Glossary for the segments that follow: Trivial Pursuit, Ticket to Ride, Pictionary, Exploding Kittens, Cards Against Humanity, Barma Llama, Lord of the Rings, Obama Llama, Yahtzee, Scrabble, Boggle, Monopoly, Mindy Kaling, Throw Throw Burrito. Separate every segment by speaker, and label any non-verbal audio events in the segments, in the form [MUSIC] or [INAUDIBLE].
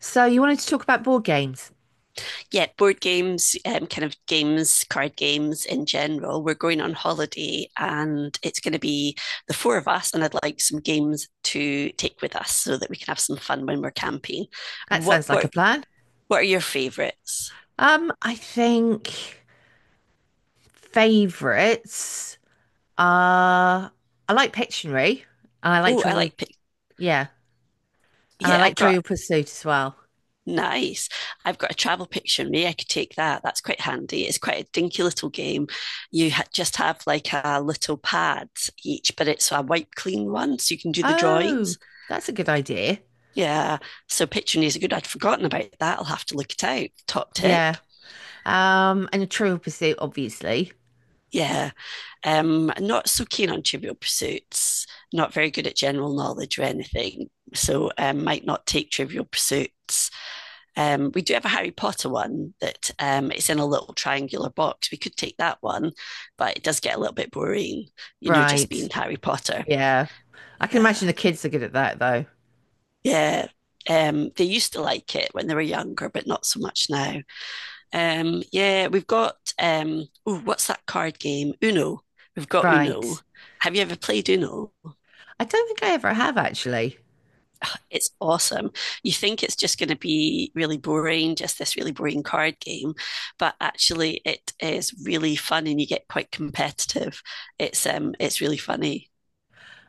Speaker 1: So you wanted to talk about board games.
Speaker 2: Yeah, board games, kind of games, card games in general. We're going on holiday and it's going to be the four of us, and I'd like some games to take with us so that we can have some fun when we're camping.
Speaker 1: That
Speaker 2: What
Speaker 1: sounds like a
Speaker 2: what
Speaker 1: plan.
Speaker 2: what are your favorites?
Speaker 1: I think favorites are I like Pictionary and I like
Speaker 2: Oh, I
Speaker 1: Trivial yeah, and I
Speaker 2: yeah, I've
Speaker 1: like
Speaker 2: got
Speaker 1: Trivial Pursuit as well.
Speaker 2: nice. I've got a travel picture. Maybe I could take that. That's quite handy. It's quite a dinky little game. Just have like a little pad each, but it's a wipe clean one, so you can do the
Speaker 1: Oh,
Speaker 2: drawings.
Speaker 1: that's a good idea.
Speaker 2: Yeah. So pitching is good. I'd forgotten about that. I'll have to look it out. Top
Speaker 1: Yeah.
Speaker 2: tip.
Speaker 1: And a Trivial Pursuit, obviously.
Speaker 2: Yeah. Not so keen on trivial pursuits, not very good at general knowledge or anything. So might not take trivial pursuits. We do have a Harry Potter one that it's in a little triangular box. We could take that one, but it does get a little bit boring, just being
Speaker 1: Right.
Speaker 2: Harry Potter.
Speaker 1: Yeah. I can
Speaker 2: Yeah.
Speaker 1: imagine the kids are good at that though.
Speaker 2: Yeah. They used to like it when they were younger, but not so much now. Yeah, we've got ooh, what's that card game? Uno. We've got Uno.
Speaker 1: Right.
Speaker 2: Have you ever played Uno?
Speaker 1: I don't think I ever have actually.
Speaker 2: It's awesome. You think it's just going to be really boring, just this really boring card game, but actually it is really fun and you get quite competitive. It's really funny.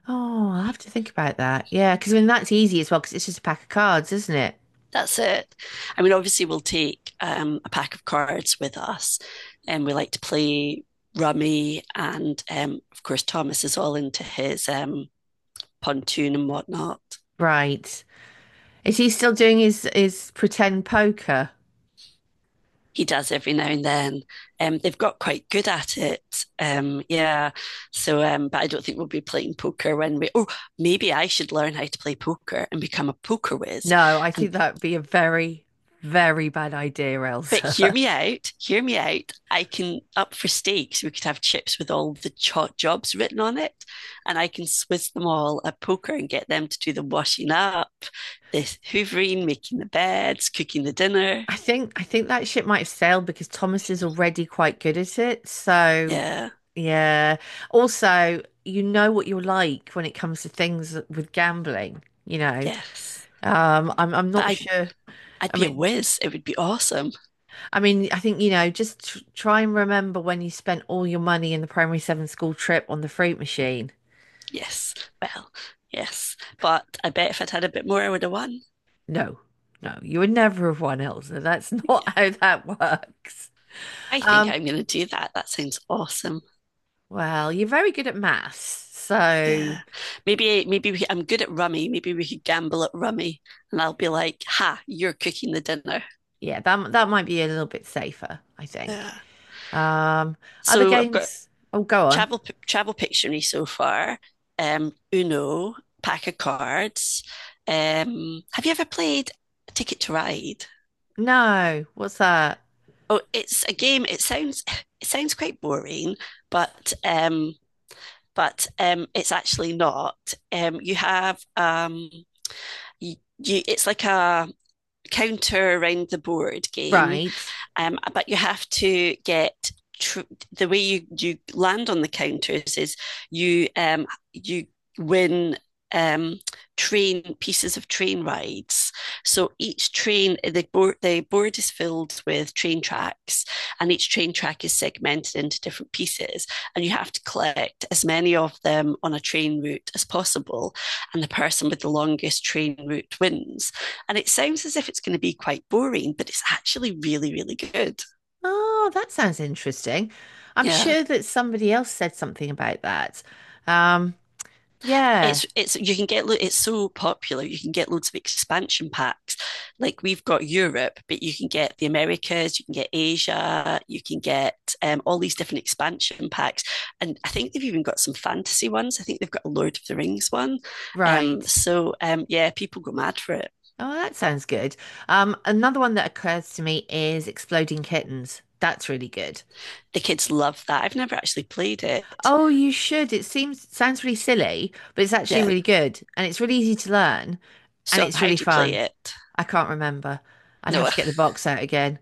Speaker 1: Oh, I'll have to think about that. Yeah, because I mean that's easy as well, because it's just a pack of cards, isn't it?
Speaker 2: That's it. I mean, obviously we'll take a pack of cards with us and we like to play rummy and of course Thomas is all into his pontoon and whatnot.
Speaker 1: Right. Is he still doing his pretend poker?
Speaker 2: He does every now and then. They've got quite good at it. Yeah. But I don't think we'll be playing poker when we. Oh, maybe I should learn how to play poker and become a poker whiz.
Speaker 1: No, I
Speaker 2: And
Speaker 1: think that would be a very, very bad idea,
Speaker 2: but hear
Speaker 1: Elsa.
Speaker 2: me out. Hear me out. I can up for stakes. We could have chips with all the jobs written on it, and I can swizz them all at poker and get them to do the washing up, the hoovering, making the beds, cooking the
Speaker 1: [LAUGHS]
Speaker 2: dinner.
Speaker 1: I think that ship might have sailed because Thomas is already quite good at it. So,
Speaker 2: Yeah.
Speaker 1: yeah. Also, what you're like when it comes to things with gambling.
Speaker 2: Yes.
Speaker 1: I'm
Speaker 2: But
Speaker 1: not
Speaker 2: I
Speaker 1: sure.
Speaker 2: I'd
Speaker 1: I
Speaker 2: be a
Speaker 1: mean,
Speaker 2: whiz. It would be awesome.
Speaker 1: I mean, I think, just tr try and remember when you spent all your money in the primary seven school trip on the fruit machine.
Speaker 2: Yes. Well, yes. But I bet if I'd had a bit more, I would have won.
Speaker 1: No, no, you would never have won, Elsa. That's [LAUGHS]
Speaker 2: Yeah.
Speaker 1: not how that works.
Speaker 2: I think
Speaker 1: Um,
Speaker 2: I'm going to do that. That sounds awesome.
Speaker 1: well, you're very good at maths, so
Speaker 2: Yeah. Maybe, maybe we, I'm good at rummy. Maybe we could gamble at rummy and I'll be like, ha, you're cooking the dinner.
Speaker 1: yeah, that might be a little bit safer, I think.
Speaker 2: Yeah.
Speaker 1: Um, other
Speaker 2: So I've got
Speaker 1: games? Oh, go on.
Speaker 2: travel pictionary so far, Uno, pack of cards. Have you ever played Ticket to Ride?
Speaker 1: No, what's that?
Speaker 2: Oh, it's a game. It sounds quite boring, but um, but it's actually not. You have you, it's like a counter around the board game,
Speaker 1: Right.
Speaker 2: but you have to tr- the way you land on the counters is you win um, train pieces of train rides. So each train, the board is filled with train tracks, and each train track is segmented into different pieces, and you have to collect as many of them on a train route as possible, and the person with the longest train route wins. And it sounds as if it's going to be quite boring, but it's actually really, really good.
Speaker 1: Oh, that sounds interesting. I'm
Speaker 2: Yeah.
Speaker 1: sure that somebody else said something about that. Um, yeah,
Speaker 2: You can it's so popular. You can get loads of expansion packs. Like we've got Europe, but you can get the Americas, you can get Asia, you can get all these different expansion packs. And I think they've even got some fantasy ones. I think they've got a Lord of the Rings one. Um,
Speaker 1: right.
Speaker 2: so, um, yeah, people go mad for it.
Speaker 1: Oh, that sounds good. Another one that occurs to me is Exploding Kittens. That's really good.
Speaker 2: The kids love that. I've never actually played it.
Speaker 1: Oh, you should. It seems sounds really silly, but it's actually
Speaker 2: Yeah.
Speaker 1: really good, and it's really easy to learn, and
Speaker 2: So,
Speaker 1: it's
Speaker 2: how do
Speaker 1: really
Speaker 2: you play
Speaker 1: fun.
Speaker 2: it?
Speaker 1: I can't remember. I'd have
Speaker 2: No,
Speaker 1: to get the box out again.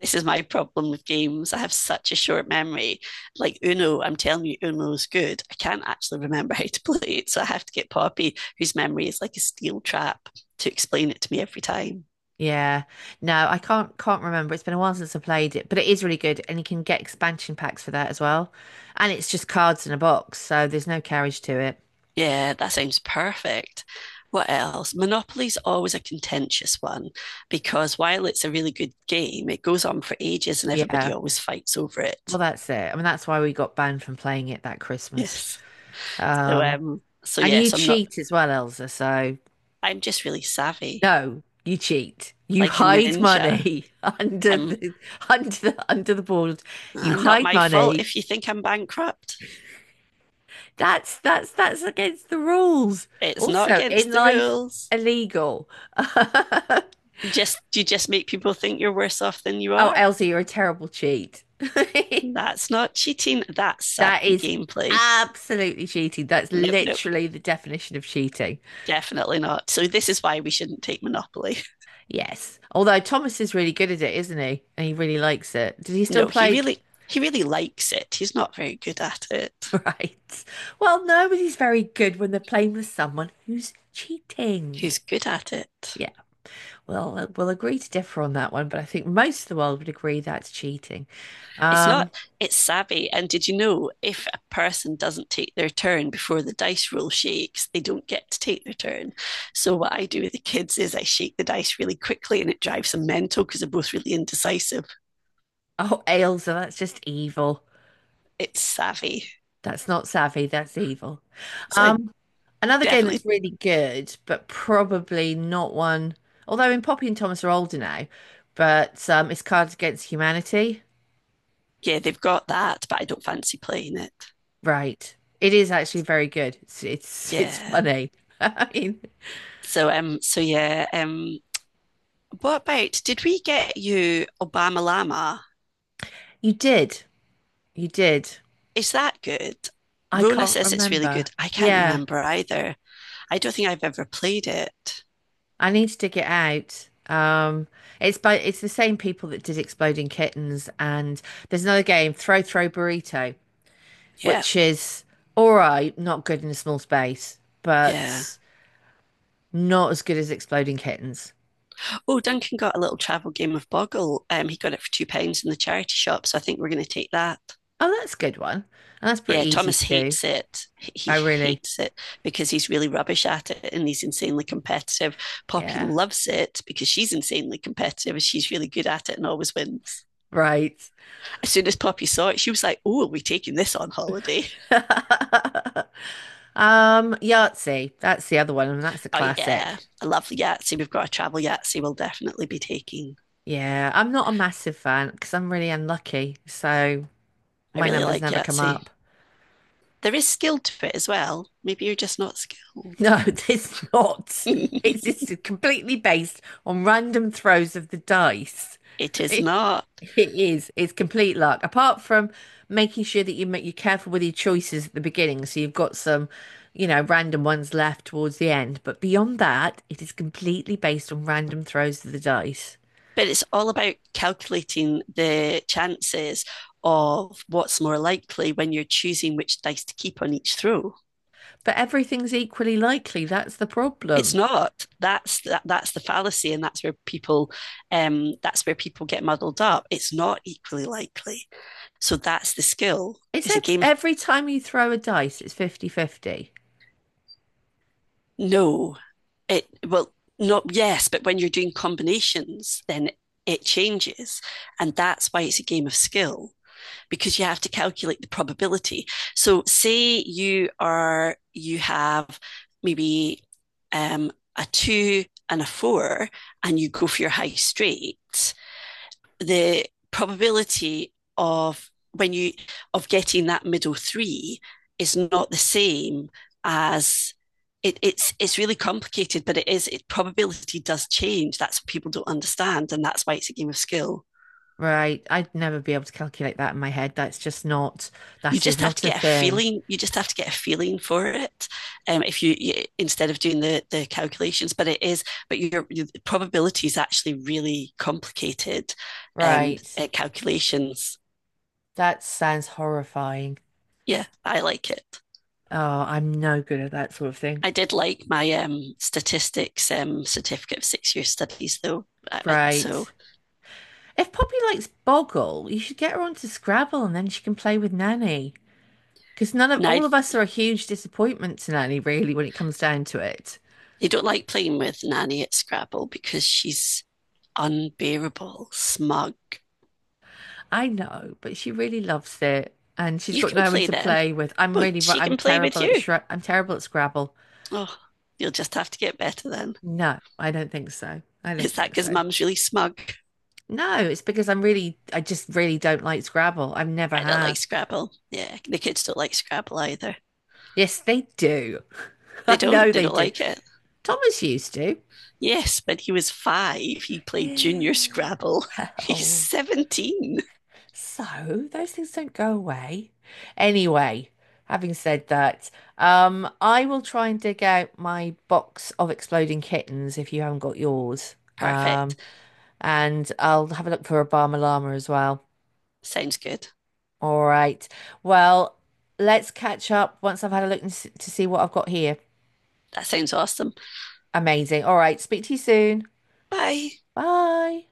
Speaker 2: this is my problem with games. I have such a short memory. Like Uno, I'm telling you, Uno's good. I can't actually remember [LAUGHS] how to play it. So I have to get Poppy, whose memory is like a steel trap, to explain it to me every time.
Speaker 1: Yeah. No, I can't remember. It's been a while since I played it, but it is really good, and you can get expansion packs for that as well. And it's just cards in a box, so there's no carriage to it.
Speaker 2: Yeah, that sounds perfect. What else? Monopoly's always a contentious one because while it's a really good game, it goes on for ages and everybody
Speaker 1: Yeah.
Speaker 2: always fights over
Speaker 1: Well,
Speaker 2: it.
Speaker 1: that's it. I mean, that's why we got banned from playing it that Christmas.
Speaker 2: Yes. So
Speaker 1: Um,
Speaker 2: um so
Speaker 1: And you
Speaker 2: yes, I'm not
Speaker 1: cheat as well, Elsa. So
Speaker 2: I'm just really savvy.
Speaker 1: no, you cheat. You
Speaker 2: Like a
Speaker 1: hide
Speaker 2: ninja.
Speaker 1: money [LAUGHS] under
Speaker 2: I'm
Speaker 1: the board. You
Speaker 2: "Ah, not
Speaker 1: hide
Speaker 2: my fault
Speaker 1: money.
Speaker 2: if you think I'm bankrupt.
Speaker 1: That's against the rules.
Speaker 2: It's not
Speaker 1: Also, in
Speaker 2: against the
Speaker 1: life,
Speaker 2: rules.
Speaker 1: illegal. [LAUGHS]
Speaker 2: You just make people think you're worse off than you
Speaker 1: Oh,
Speaker 2: are.
Speaker 1: Elsa, you're a terrible cheat. [LAUGHS]
Speaker 2: That's not cheating. That's
Speaker 1: That
Speaker 2: savvy
Speaker 1: is
Speaker 2: gameplay.
Speaker 1: absolutely cheating. That's
Speaker 2: Nope, nope,
Speaker 1: literally the definition of cheating.
Speaker 2: definitely not. So this is why we shouldn't take Monopoly.
Speaker 1: Yes. Although Thomas is really good at it, isn't he? And he really likes it. Did he still
Speaker 2: No,
Speaker 1: play?
Speaker 2: he really likes it. He's not very good at it.
Speaker 1: [LAUGHS] Right. Well, nobody's very good when they're playing with someone who's cheating.
Speaker 2: Who's good at it?
Speaker 1: Yeah, well, we'll agree to differ on that one, but I think most of the world would agree that's cheating.
Speaker 2: It's
Speaker 1: Um,
Speaker 2: not, it's savvy. And did you know if a person doesn't take their turn before the dice roll shakes, they don't get to take their turn? So, what I do with the kids is I shake the dice really quickly and it drives them mental because they're both really indecisive.
Speaker 1: oh, Ailsa, that's just evil.
Speaker 2: It's savvy.
Speaker 1: That's not savvy, that's evil.
Speaker 2: So, I
Speaker 1: Um, another game
Speaker 2: definitely,
Speaker 1: that's really good, but probably not one, although in Poppy and Thomas are older now, but it's Cards Against Humanity.
Speaker 2: yeah, they've got that, but I don't fancy playing it.
Speaker 1: Right. It is actually very good. It's
Speaker 2: Yeah.
Speaker 1: funny. [LAUGHS] I mean,
Speaker 2: So, yeah, what about did we get you Obama Llama?
Speaker 1: You did. You did.
Speaker 2: Is that good?
Speaker 1: I
Speaker 2: Rona
Speaker 1: can't
Speaker 2: says it's really
Speaker 1: remember.
Speaker 2: good. I can't
Speaker 1: Yeah,
Speaker 2: remember either. I don't think I've ever played it.
Speaker 1: I need to dig it out. It's the same people that did Exploding Kittens, and there's another game, Throw Throw Burrito,
Speaker 2: Yeah,
Speaker 1: which is all right, not good in a small space,
Speaker 2: yeah.
Speaker 1: but not as good as Exploding Kittens.
Speaker 2: Oh, Duncan got a little travel game of Boggle. He got it for £2 in the charity shop, so I think we're going to take that.
Speaker 1: Oh, that's a good one. And that's pretty
Speaker 2: Yeah,
Speaker 1: easy
Speaker 2: Thomas
Speaker 1: to do.
Speaker 2: hates it. He
Speaker 1: I really,
Speaker 2: hates it because he's really rubbish at it and he's insanely competitive. Poppy
Speaker 1: yeah,
Speaker 2: loves it because she's insanely competitive and she's really good at it and always wins.
Speaker 1: right.
Speaker 2: As soon as Poppy saw it, she was like, Oh, are we taking this on holiday? [LAUGHS]
Speaker 1: [LAUGHS] Yahtzee, that's the other one, and that's a
Speaker 2: Oh, yeah.
Speaker 1: classic.
Speaker 2: I love the Yahtzee. We've got a travel Yahtzee we'll definitely be taking.
Speaker 1: Yeah, I'm not a massive fan because I'm really unlucky. So
Speaker 2: I
Speaker 1: my
Speaker 2: really
Speaker 1: numbers
Speaker 2: like
Speaker 1: never come
Speaker 2: Yahtzee.
Speaker 1: up.
Speaker 2: There is skill to it as well. Maybe you're just not skilled.
Speaker 1: No, [LAUGHS] it's
Speaker 2: [LAUGHS]
Speaker 1: not. It's
Speaker 2: It
Speaker 1: just completely based on random throws of the dice. [LAUGHS]
Speaker 2: is
Speaker 1: It,
Speaker 2: not.
Speaker 1: it is. It's complete luck. Apart from making sure that you're careful with your choices at the beginning, so you've got some, you know, random ones left towards the end. But beyond that, it is completely based on random throws of the dice.
Speaker 2: But it's all about calculating the chances of what's more likely when you're choosing which dice to keep on each throw.
Speaker 1: But everything's equally likely. That's the
Speaker 2: It's
Speaker 1: problem.
Speaker 2: not. That's the fallacy, and that's where that's where people get muddled up. It's not equally likely. So that's the skill.
Speaker 1: It's
Speaker 2: It's a
Speaker 1: ev
Speaker 2: game of
Speaker 1: every time you throw a dice, it's 50-50,
Speaker 2: no. It well not yes but when you're doing combinations then it changes and that's why it's a game of skill because you have to calculate the probability so say you are you have maybe, um, a two and a four and you go for your high straight the probability of when you of getting that middle three is not the same as it's really complicated, but it is it probability does change. That's what people don't understand, and that's why it's a game of skill.
Speaker 1: Right. I'd never be able to calculate that in my head. That's just not,
Speaker 2: You
Speaker 1: that is
Speaker 2: just have
Speaker 1: not
Speaker 2: to
Speaker 1: a
Speaker 2: get a
Speaker 1: thing.
Speaker 2: feeling. You just have to get a feeling for it. If you, You instead of doing the calculations, but it is, your probability is actually really complicated.
Speaker 1: Right.
Speaker 2: Calculations.
Speaker 1: That sounds horrifying.
Speaker 2: Yeah, I like it.
Speaker 1: Oh, I'm no good at that sort of thing.
Speaker 2: I did like my statistics certificate of 6 year studies, though. So
Speaker 1: Right. If Poppy likes Boggle, you should get her onto Scrabble and then she can play with Nanny. Because none of
Speaker 2: now
Speaker 1: all of us are a huge disappointment to Nanny, really, when it comes down to it.
Speaker 2: they don't like playing with Nanny at Scrabble because she's unbearable, smug.
Speaker 1: I know, but she really loves it, and she's
Speaker 2: You
Speaker 1: got
Speaker 2: can
Speaker 1: no one
Speaker 2: play
Speaker 1: to
Speaker 2: then,
Speaker 1: play with. I'm
Speaker 2: but
Speaker 1: really,
Speaker 2: she
Speaker 1: I'm
Speaker 2: can play with
Speaker 1: terrible at
Speaker 2: you.
Speaker 1: Shre I'm terrible at Scrabble.
Speaker 2: Oh, you'll just have to get better then.
Speaker 1: No, I don't think so. I don't
Speaker 2: Is that
Speaker 1: think
Speaker 2: because
Speaker 1: so.
Speaker 2: mum's really smug?
Speaker 1: No, it's because I'm really, I just really don't like Scrabble. I never
Speaker 2: I don't like
Speaker 1: have.
Speaker 2: Scrabble. Yeah, the kids don't like Scrabble either.
Speaker 1: Yes, they do. [LAUGHS]
Speaker 2: They
Speaker 1: I
Speaker 2: don't.
Speaker 1: know
Speaker 2: They
Speaker 1: they
Speaker 2: don't
Speaker 1: do.
Speaker 2: like it.
Speaker 1: Thomas used to.
Speaker 2: Yes, but he was five. He played junior
Speaker 1: [SIGHS]
Speaker 2: Scrabble. [LAUGHS] He's
Speaker 1: Well.
Speaker 2: 17.
Speaker 1: So those things don't go away. Anyway, having said that, I will try and dig out my box of exploding kittens if you haven't got yours.
Speaker 2: Perfect.
Speaker 1: Um, and I'll have a look for a Barma Llama as well.
Speaker 2: Sounds good.
Speaker 1: All right. Well, let's catch up once I've had a look and to see what I've got here.
Speaker 2: That sounds awesome.
Speaker 1: Amazing. All right. Speak to you soon.
Speaker 2: Bye.
Speaker 1: Bye.